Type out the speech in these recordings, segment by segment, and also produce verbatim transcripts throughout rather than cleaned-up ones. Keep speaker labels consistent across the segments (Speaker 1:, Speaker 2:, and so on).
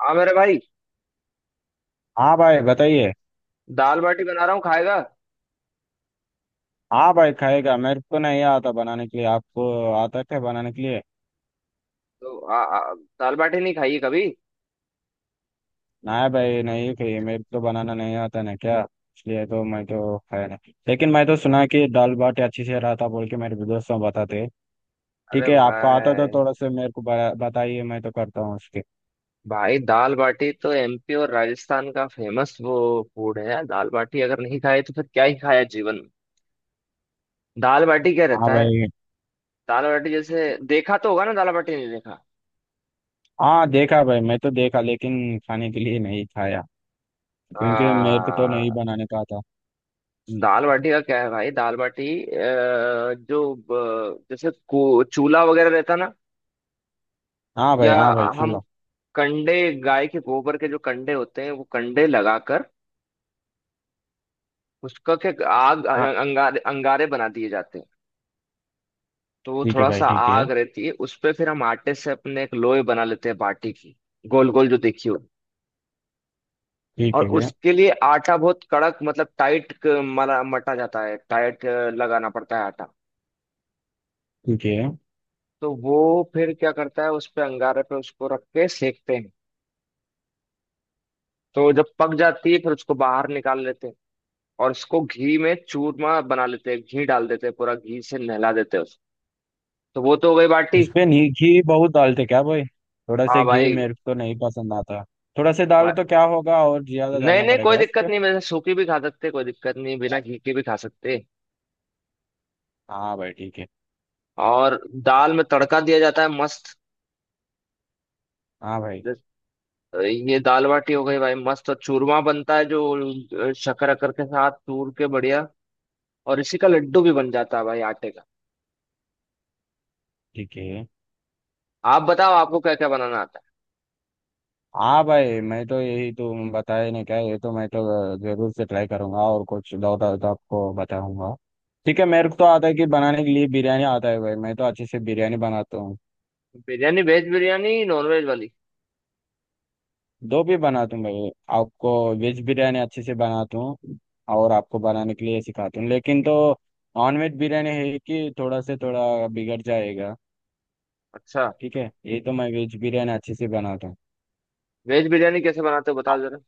Speaker 1: हाँ मेरे भाई।
Speaker 2: हाँ भाई बताइए।
Speaker 1: दाल बाटी बना रहा हूँ, खाएगा?
Speaker 2: हाँ भाई खाएगा मेरे को नहीं आता बनाने के लिए। आपको आता क्या बनाने के लिए?
Speaker 1: तो आ, आ, दाल बाटी नहीं खाई है कभी?
Speaker 2: नहीं भाई नहीं खाइए मेरे को बनाना नहीं आता ना क्या। इसलिए तो मैं तो खाया नहीं लेकिन मैं तो सुना कि दाल बाटी अच्छी से रहा था बोल के मेरे दोस्तों बताते। ठीक
Speaker 1: अरे
Speaker 2: है आपको आता तो
Speaker 1: भाई।
Speaker 2: थोड़ा सा मेरे को बता- बताइए मैं तो करता हूँ उसके।
Speaker 1: भाई, दाल बाटी तो एम पी और राजस्थान का फेमस वो फूड है यार। दाल बाटी अगर नहीं खाए तो फिर क्या ही खाया जीवन में। दाल बाटी क्या
Speaker 2: हाँ
Speaker 1: रहता है?
Speaker 2: भाई
Speaker 1: दाल बाटी जैसे देखा तो होगा ना, दाल बाटी नहीं देखा?
Speaker 2: हाँ देखा भाई मैं तो देखा लेकिन खाने के लिए नहीं खाया। क्योंकि मेरे को तो नहीं
Speaker 1: आ,
Speaker 2: बनाने का आता।
Speaker 1: दाल बाटी का क्या है भाई, दाल बाटी अ, जो ब- जैसे को- चूल्हा वगैरह रहता ना,
Speaker 2: हाँ भाई
Speaker 1: या
Speaker 2: हाँ भाई
Speaker 1: हम
Speaker 2: सुनो।
Speaker 1: कंडे, गाय के गोबर के जो कंडे होते हैं वो कंडे लगाकर उसका क्या आग,
Speaker 2: हाँ
Speaker 1: अंगारे अंगारे बना दिए जाते हैं। तो वो
Speaker 2: ठीक है
Speaker 1: थोड़ा
Speaker 2: भाई।
Speaker 1: सा
Speaker 2: ठीक है।
Speaker 1: आग रहती है उस पे, फिर हम आटे से अपने एक लोई बना लेते हैं बाटी की, गोल गोल जो देखी हो। और
Speaker 2: ठीक है।
Speaker 1: उसके लिए आटा बहुत कड़क, मतलब टाइट मरा मटा जाता है। टाइट अ, लगाना पड़ता है आटा।
Speaker 2: ठीक है।
Speaker 1: तो वो फिर क्या करता है, उस पे अंगारे पे उसको रख के सेकते हैं। तो जब पक जाती है फिर उसको बाहर निकाल लेते हैं, और इसको घी में चूरमा बना लेते हैं, घी डाल देते हैं, पूरा घी से नहला देते हैं उसको। तो वो तो हो गई बाटी।
Speaker 2: इस पे नहीं घी बहुत डालते क्या भाई? थोड़ा
Speaker 1: हाँ
Speaker 2: से घी
Speaker 1: भाई।
Speaker 2: मेरे को तो नहीं पसंद आता। थोड़ा से डाल तो क्या होगा और ज्यादा
Speaker 1: नहीं
Speaker 2: डालना
Speaker 1: नहीं, कोई
Speaker 2: पड़ेगा उस
Speaker 1: दिक्कत
Speaker 2: पे।
Speaker 1: नहीं, वैसे सूखी भी खा सकते, कोई दिक्कत नहीं, बिना घी के भी खा सकते।
Speaker 2: हाँ भाई ठीक है।
Speaker 1: और दाल में तड़का दिया जाता है मस्त।
Speaker 2: हाँ भाई
Speaker 1: ये दाल बाटी हो गई भाई मस्त, और चूरमा बनता है जो शक्कर अकर के साथ चूर के बढ़िया, और इसी का लड्डू भी बन जाता है भाई आटे का।
Speaker 2: ठीक है।
Speaker 1: आप बताओ, आपको क्या क्या बनाना आता
Speaker 2: हाँ भाई मैं तो यही तो बताया नहीं क्या? ये तो मैं तो जरूर से ट्राई करूंगा और कुछ डाउट आए तो आपको बताऊंगा। ठीक है मेरे को तो आता है कि बनाने के लिए बिरयानी आता है भाई मैं तो अच्छे से बिरयानी बनाता हूँ।
Speaker 1: है? Biryani? Veg biryani, non veg वाली?
Speaker 2: दो भी बनाता हूँ भाई। आपको वेज बिरयानी अच्छे से बनाता हूँ। और आपको बनाने के लिए सिखाता हूँ लेकिन तो नॉन वेज बिरयानी है कि थोड़ा से थोड़ा बिगड़ जाएगा।
Speaker 1: अच्छा।
Speaker 2: ठीक है ये तो मैं वेज बिरयानी अच्छे से बनाता हूँ।
Speaker 1: वेज बिरयानी कैसे बनाते हो, बताओ जरा।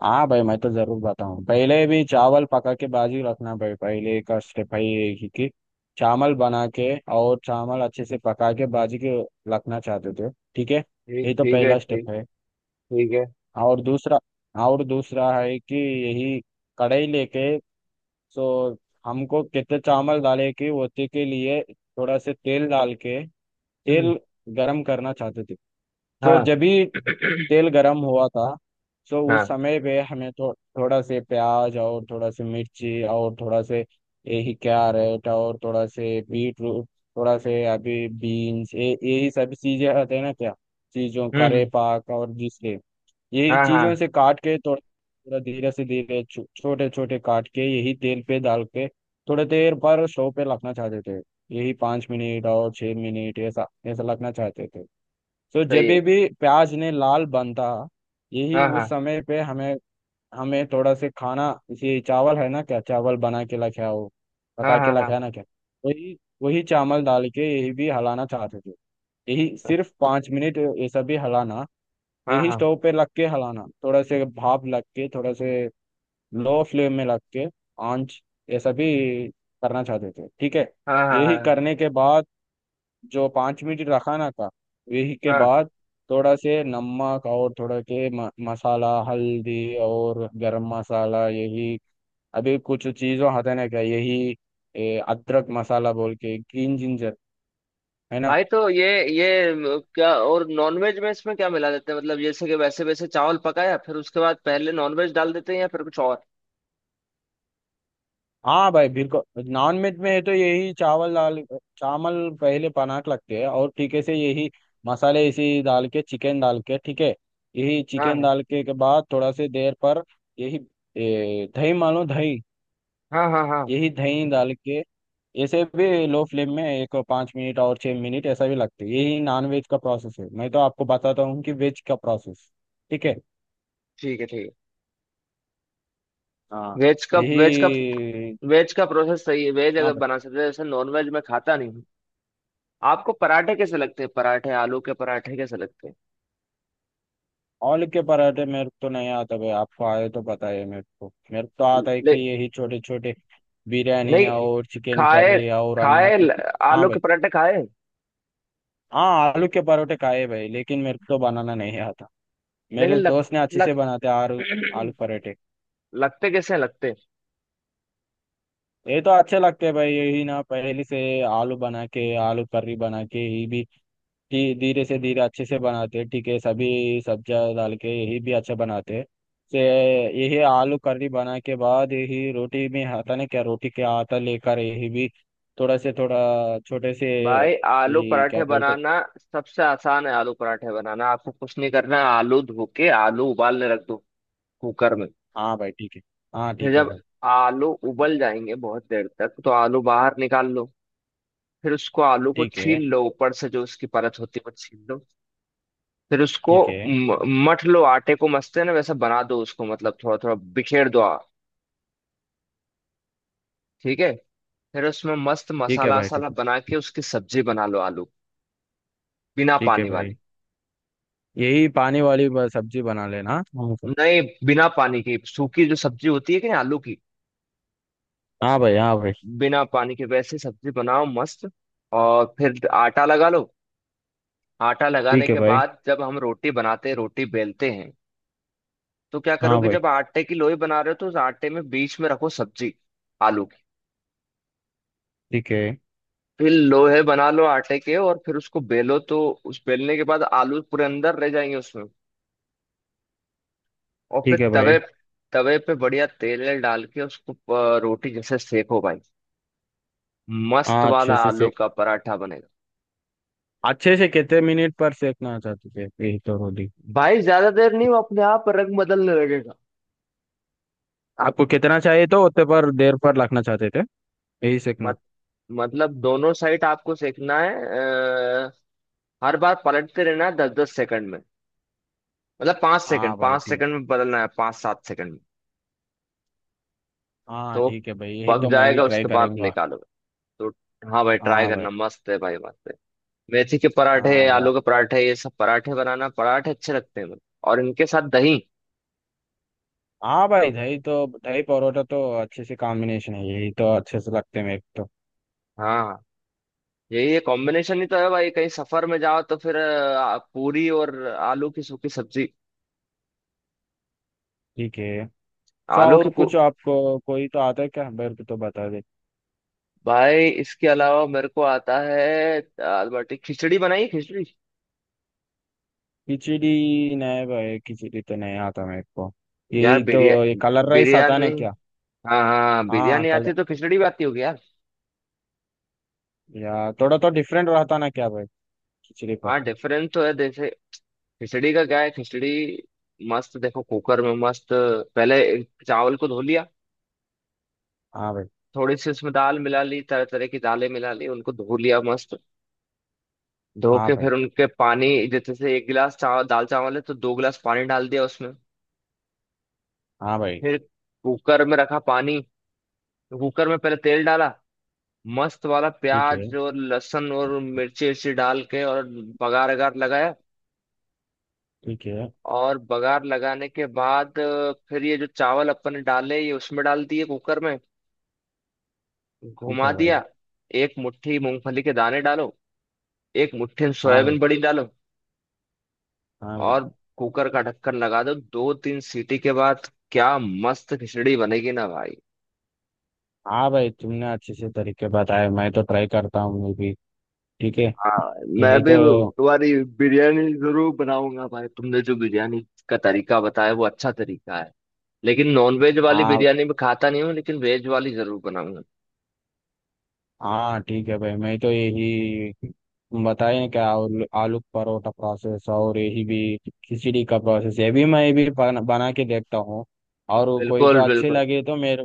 Speaker 2: हाँ भाई मैं तो जरूर बताऊँ पहले भी चावल पका के बाजू रखना भाई पहले का स्टेप है ये कि कि चावल बना के और चावल अच्छे से पका के बाजू के रखना चाहते थे। ठीक है
Speaker 1: ठीक,
Speaker 2: ये तो
Speaker 1: ठीक है,
Speaker 2: पहला
Speaker 1: ठीक।
Speaker 2: स्टेप है।
Speaker 1: ठीक है।
Speaker 2: और दूसरा और दूसरा है कि यही कढ़ाई लेके तो हमको कितने चावल डाले कि होते के लिए थोड़ा से तेल डाल के
Speaker 1: हम्म।
Speaker 2: तेल गरम करना चाहते थे। तो
Speaker 1: हाँ।
Speaker 2: जब भी तेल गरम हुआ था तो उस
Speaker 1: हाँ।
Speaker 2: समय पे हमें तो थोड़ा से प्याज और थोड़ा से मिर्ची और थोड़ा से यही कैरेट और थोड़ा से बीट रूट थोड़ा से अभी बीन्स ये यही सब चीजें आते हैं ना क्या। चीजों करे
Speaker 1: हम्म।
Speaker 2: पाक और जिसके यही
Speaker 1: हाँ हाँ।
Speaker 2: चीजों से काट के थोड़ा थोड़ा धीरे से धीरे छो- छोटे छोटे काट के यही तेल पे डाल के थोड़े देर पर स्टोव पे रखना चाहते थे। यही पाँच मिनट और छह मिनट ऐसा ऐसा रखना चाहते थे। तो जब
Speaker 1: सही है।
Speaker 2: भी प्याज ने लाल बनता यही
Speaker 1: हाँ
Speaker 2: उस
Speaker 1: हाँ
Speaker 2: समय पे हमें हमें थोड़ा से खाना इसे चावल है ना क्या? चावल बना के रखा हो
Speaker 1: हाँ।
Speaker 2: पका के
Speaker 1: हाँ हाँ
Speaker 2: रखा है ना क्या? वही वही चावल डाल के यही भी हलाना चाहते थे। यही सिर्फ पाँच मिनट ऐसा भी हलाना
Speaker 1: हाँ।
Speaker 2: यही
Speaker 1: हाँ
Speaker 2: स्टोव पे लग के हलाना थोड़ा से भाप लग के थोड़ा से लो फ्लेम में लग के आंच ये सभी करना चाहते थे। ठीक है।
Speaker 1: हाँ हाँ।
Speaker 2: यही
Speaker 1: हाँ।
Speaker 2: करने के बाद जो पाँच मिनट रखाना था यही के
Speaker 1: हाँ
Speaker 2: बाद थोड़ा से नमक और थोड़ा के म, मसाला हल्दी और गरम मसाला यही अभी कुछ चीज़ों हटाने का यही ए, अदरक मसाला बोल के ग्रीन जिंजर है ना।
Speaker 1: भाई तो ये ये म, क्या, और नॉनवेज में इसमें क्या मिला देते हैं, मतलब जैसे कि वैसे वैसे चावल पकाया फिर उसके बाद पहले नॉनवेज डाल देते हैं, या फिर कुछ और?
Speaker 2: हाँ भाई बिल्कुल। नॉन वेज में है तो यही चावल दाल चावल पहले पनाक लगते हैं और ठीके से यही मसाले इसी डाल के चिकन डाल के ठीक है यही
Speaker 1: हाँ
Speaker 2: चिकन
Speaker 1: हाँ
Speaker 2: डाल के के बाद थोड़ा से देर पर यही ए, दही मानो दही
Speaker 1: हाँ। हाँ हाँ।
Speaker 2: यही दही डाल के ऐसे भी लो फ्लेम में एक पाँच मिनट और छः मिनट ऐसा भी लगते है यही नॉन वेज का प्रोसेस है मैं तो आपको बताता हूँ कि वेज का प्रोसेस। ठीक है।
Speaker 1: ठीक है, ठीक
Speaker 2: हाँ
Speaker 1: है। वेज का वेज का
Speaker 2: यही।
Speaker 1: वेज का प्रोसेस सही है। वेज
Speaker 2: हाँ
Speaker 1: अगर
Speaker 2: भाई
Speaker 1: बना सकते हैं, जैसे नॉनवेज में खाता नहीं हूँ। आपको पराठे कैसे लगते हैं? पराठे, आलू के पराठे कैसे लगते हैं?
Speaker 2: आलू के पराठे मेरे को तो नहीं आता भाई आपको आए तो बताइए मेरे को मेरे को तो आता है
Speaker 1: ले,
Speaker 2: कि यही छोटे छोटे बिरयानी
Speaker 1: नहीं,
Speaker 2: और चिकन
Speaker 1: खाए।
Speaker 2: करी और अंडा
Speaker 1: खाए।
Speaker 2: भी। हाँ
Speaker 1: आलू के
Speaker 2: भाई।
Speaker 1: पराठे खाए?
Speaker 2: हाँ आलू के पराठे खाए भाई लेकिन मेरे को तो बनाना नहीं आता।
Speaker 1: लेकिन
Speaker 2: मेरे
Speaker 1: लग,
Speaker 2: दोस्त ने अच्छे से
Speaker 1: लग,
Speaker 2: बनाते आलू। आलू पराठे
Speaker 1: लगते कैसे हैं? लगते?
Speaker 2: ये तो अच्छे लगते हैं भाई यही ना पहले से आलू बना के आलू करी बना के ये भी धी- धीरे से धीरे अच्छे से बनाते हैं। ठीक है सभी सब्जियाँ डाल के यही भी अच्छा बनाते हैं से यही आलू करी बना के बाद यही रोटी में आता ना क्या? रोटी के आटा लेकर यही भी थोड़ा से थोड़ा छोटे से
Speaker 1: भाई आलू
Speaker 2: ये क्या
Speaker 1: पराठे
Speaker 2: बोलते?
Speaker 1: बनाना सबसे आसान है। आलू पराठे बनाना, आपको कुछ नहीं करना है, आलू धो के आलू उबालने रख दो कुकर में।
Speaker 2: हाँ भाई ठीक है। हाँ
Speaker 1: फिर
Speaker 2: ठीक है
Speaker 1: जब
Speaker 2: भाई।
Speaker 1: आलू उबल जाएंगे बहुत देर तक, तो आलू बाहर निकाल लो। फिर उसको, आलू को
Speaker 2: ठीक है।
Speaker 1: छील लो, ऊपर से जो उसकी परत होती है वो छील लो। फिर उसको
Speaker 2: ठीक है।
Speaker 1: म- मथ लो, आटे को मसते हैं ना वैसा बना दो उसको, मतलब थोड़ा थोड़ा बिखेर दो आ- ठीक है। फिर उसमें मस्त
Speaker 2: ठीक है
Speaker 1: मसाला
Speaker 2: भाई ठीक
Speaker 1: वसाला
Speaker 2: है।
Speaker 1: बना के उसकी सब्जी बना लो, आलू बिना
Speaker 2: ठीक है
Speaker 1: पानी
Speaker 2: भाई
Speaker 1: वाली।
Speaker 2: यही पानी वाली ब- सब्जी बना लेना हाँ भाई।
Speaker 1: नहीं, बिना पानी की सूखी जो सब्जी होती है कि नहीं आलू की,
Speaker 2: हाँ भाई। हाँ भाई
Speaker 1: बिना पानी के वैसे सब्जी बनाओ मस्त। और फिर आटा लगा लो। आटा लगाने
Speaker 2: ठीक है
Speaker 1: के
Speaker 2: भाई।
Speaker 1: बाद जब हम रोटी बनाते हैं, रोटी बेलते हैं, तो क्या करो
Speaker 2: हाँ
Speaker 1: कि
Speaker 2: भाई
Speaker 1: जब आटे की लोई बना रहे हो तो उस आटे में बीच में रखो सब्जी, आलू की।
Speaker 2: ठीक है।
Speaker 1: फिर लोहे बना लो आटे के, और फिर उसको बेलो तो उस बेलने के बाद आलू पूरे अंदर रह जाएंगे उसमें। और
Speaker 2: ठीक
Speaker 1: फिर
Speaker 2: है
Speaker 1: तवे,
Speaker 2: भाई
Speaker 1: तवे पे बढ़िया तेल वेल डाल के उसको अ, रोटी जैसे सेको भाई, मस्त
Speaker 2: हाँ अच्छे
Speaker 1: वाला
Speaker 2: से
Speaker 1: आलू
Speaker 2: से
Speaker 1: का पराठा बनेगा।
Speaker 2: अच्छे से कितने मिनट पर सेकना चाहते थे यही तो रोटी।
Speaker 1: भाई ज्यादा देर नहीं, वो अपने आप रंग बदलने लगेगा।
Speaker 2: आपको कितना चाहिए तो उतने पर देर पर रखना चाहते थे यही सेकना।
Speaker 1: मतलब दोनों साइड आपको सेकना है। अ, हर बार पलटते रहना है, दस दस सेकंड में। मतलब पांच सेकंड
Speaker 2: हाँ भाई
Speaker 1: पांच
Speaker 2: ठीक।
Speaker 1: सेकंड में बदलना है, पांच सात सेकंड में।
Speaker 2: हाँ
Speaker 1: तो वो
Speaker 2: ठीक है भाई यही
Speaker 1: पक
Speaker 2: तो मैं भी
Speaker 1: जाएगा,
Speaker 2: ट्राई
Speaker 1: उसके बाद
Speaker 2: करूंगा।
Speaker 1: निकालोगे, तो हाँ भाई ट्राई
Speaker 2: हाँ भाई।
Speaker 1: करना, मस्त है भाई, मस्त है। मेथी के पराठे,
Speaker 2: हाँ भाई।
Speaker 1: आलू के पराठे, ये सब पराठे बनाना, पराठे अच्छे लगते हैं मुझे, और इनके साथ दही।
Speaker 2: हाँ भाई दही तो दही परोठा तो अच्छे से कॉम्बिनेशन है यही तो अच्छे से लगते हैं मेरे को तो।
Speaker 1: हाँ, यही ये कॉम्बिनेशन ही तो है भाई। कहीं सफर में जाओ तो फिर अ, पूरी और आलू की सूखी सब्जी।
Speaker 2: ठीक है सो
Speaker 1: आलू
Speaker 2: और
Speaker 1: की पू-
Speaker 2: कुछ आपको कोई तो आता है क्या? मेरे को तो बता दे।
Speaker 1: भाई इसके अलावा मेरे को आता है दाल बाटी, खिचड़ी बनाई है, खिचड़ी।
Speaker 2: खिचड़ी नहीं भाई खिचड़ी तो नहीं आता मेरे को।
Speaker 1: यार
Speaker 2: यही तो
Speaker 1: बिरिया
Speaker 2: ये कलर राइस आता
Speaker 1: बिरयानी।
Speaker 2: ना क्या?
Speaker 1: हाँ हाँ हाँ,
Speaker 2: हाँ
Speaker 1: बिरयानी आती
Speaker 2: कलर
Speaker 1: है तो खिचड़ी भी आती होगी यार।
Speaker 2: या थोड़ा तो डिफरेंट रहता ना क्या भाई खिचड़ी पर?
Speaker 1: हाँ, डिफरेंस तो है। जैसे खिचड़ी का क्या है, खिचड़ी मस्त देखो, कुकर में मस्त पहले चावल को धो लिया,
Speaker 2: हाँ भाई।
Speaker 1: थोड़ी सी उसमें दाल मिला ली, तरह तरह की दालें मिला ली, उनको धो लिया मस्त। धो
Speaker 2: हाँ
Speaker 1: के
Speaker 2: भाई।
Speaker 1: फिर उनके पानी, जैसे से एक गिलास चावल, दाल चावल है तो दो गिलास पानी डाल दिया उसमें।
Speaker 2: हाँ भाई
Speaker 1: फिर कुकर में रखा पानी। कुकर में पहले तेल डाला मस्त वाला,
Speaker 2: ठीक है।
Speaker 1: प्याज और लहसुन और मिर्ची उर्ची डाल के, और बघार अगार लगाया।
Speaker 2: ठीक है।
Speaker 1: और बघार लगाने के बाद अ, फिर ये जो चावल अपन ने डाले ये उसमें डाल दिए कुकर में,
Speaker 2: ठीक
Speaker 1: घुमा
Speaker 2: है भाई।
Speaker 1: दिया। एक मुट्ठी मूंगफली के दाने डालो, एक मुट्ठी
Speaker 2: हाँ भाई।
Speaker 1: सोयाबीन बड़ी डालो,
Speaker 2: हाँ भाई।
Speaker 1: और कुकर का ढक्कन लगा दो, दो तीन सीटी के बाद क्या मस्त खिचड़ी बनेगी ना भाई।
Speaker 2: हाँ भाई तुमने अच्छे से तरीके बताए मैं तो ट्राई करता हूँ मैं भी। ठीक है
Speaker 1: हाँ, मैं
Speaker 2: यही
Speaker 1: भी
Speaker 2: तो।
Speaker 1: तुम्हारी बिरयानी जरूर बनाऊंगा भाई। तुमने जो बिरयानी का तरीका बताया वो अच्छा तरीका है, लेकिन नॉन वेज वाली
Speaker 2: हाँ
Speaker 1: बिरयानी में खाता नहीं हूँ, लेकिन वेज वाली जरूर बनाऊंगा।
Speaker 2: हाँ ठीक है भाई मैं तो यही तुम बताए क्या आलू आलू परोठा प्रोसेस और यही भी खिचड़ी का प्रोसेस ये भी मैं भी बना बना के देखता हूँ। और कोई तो
Speaker 1: बिल्कुल
Speaker 2: अच्छी
Speaker 1: बिल्कुल।
Speaker 2: लगे तो मेरे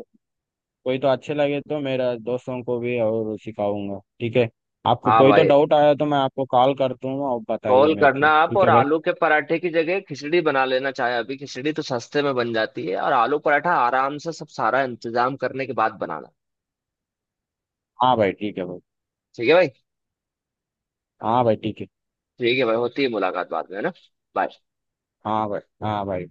Speaker 2: कोई तो अच्छे लगे तो मेरा दोस्तों को भी और सिखाऊंगा ठीक है। आपको
Speaker 1: हाँ
Speaker 2: कोई तो
Speaker 1: भाई,
Speaker 2: डाउट आया तो मैं आपको कॉल कर दूंगा और बताइए
Speaker 1: कॉल
Speaker 2: मेरे को
Speaker 1: करना आप,
Speaker 2: ठीक
Speaker 1: और
Speaker 2: है भाई।
Speaker 1: आलू के पराठे की जगह खिचड़ी बना लेना चाहे अभी। खिचड़ी तो सस्ते में बन जाती है, और आलू पराठा आराम से सब सारा इंतजाम करने के बाद बनाना।
Speaker 2: हाँ भाई। ठीक है भाई।
Speaker 1: ठीक है भाई।
Speaker 2: हाँ भाई ठीक है।
Speaker 1: ठीक है भाई, होती है मुलाकात बाद में, है ना। Bye.
Speaker 2: हाँ भाई। हाँ भाई।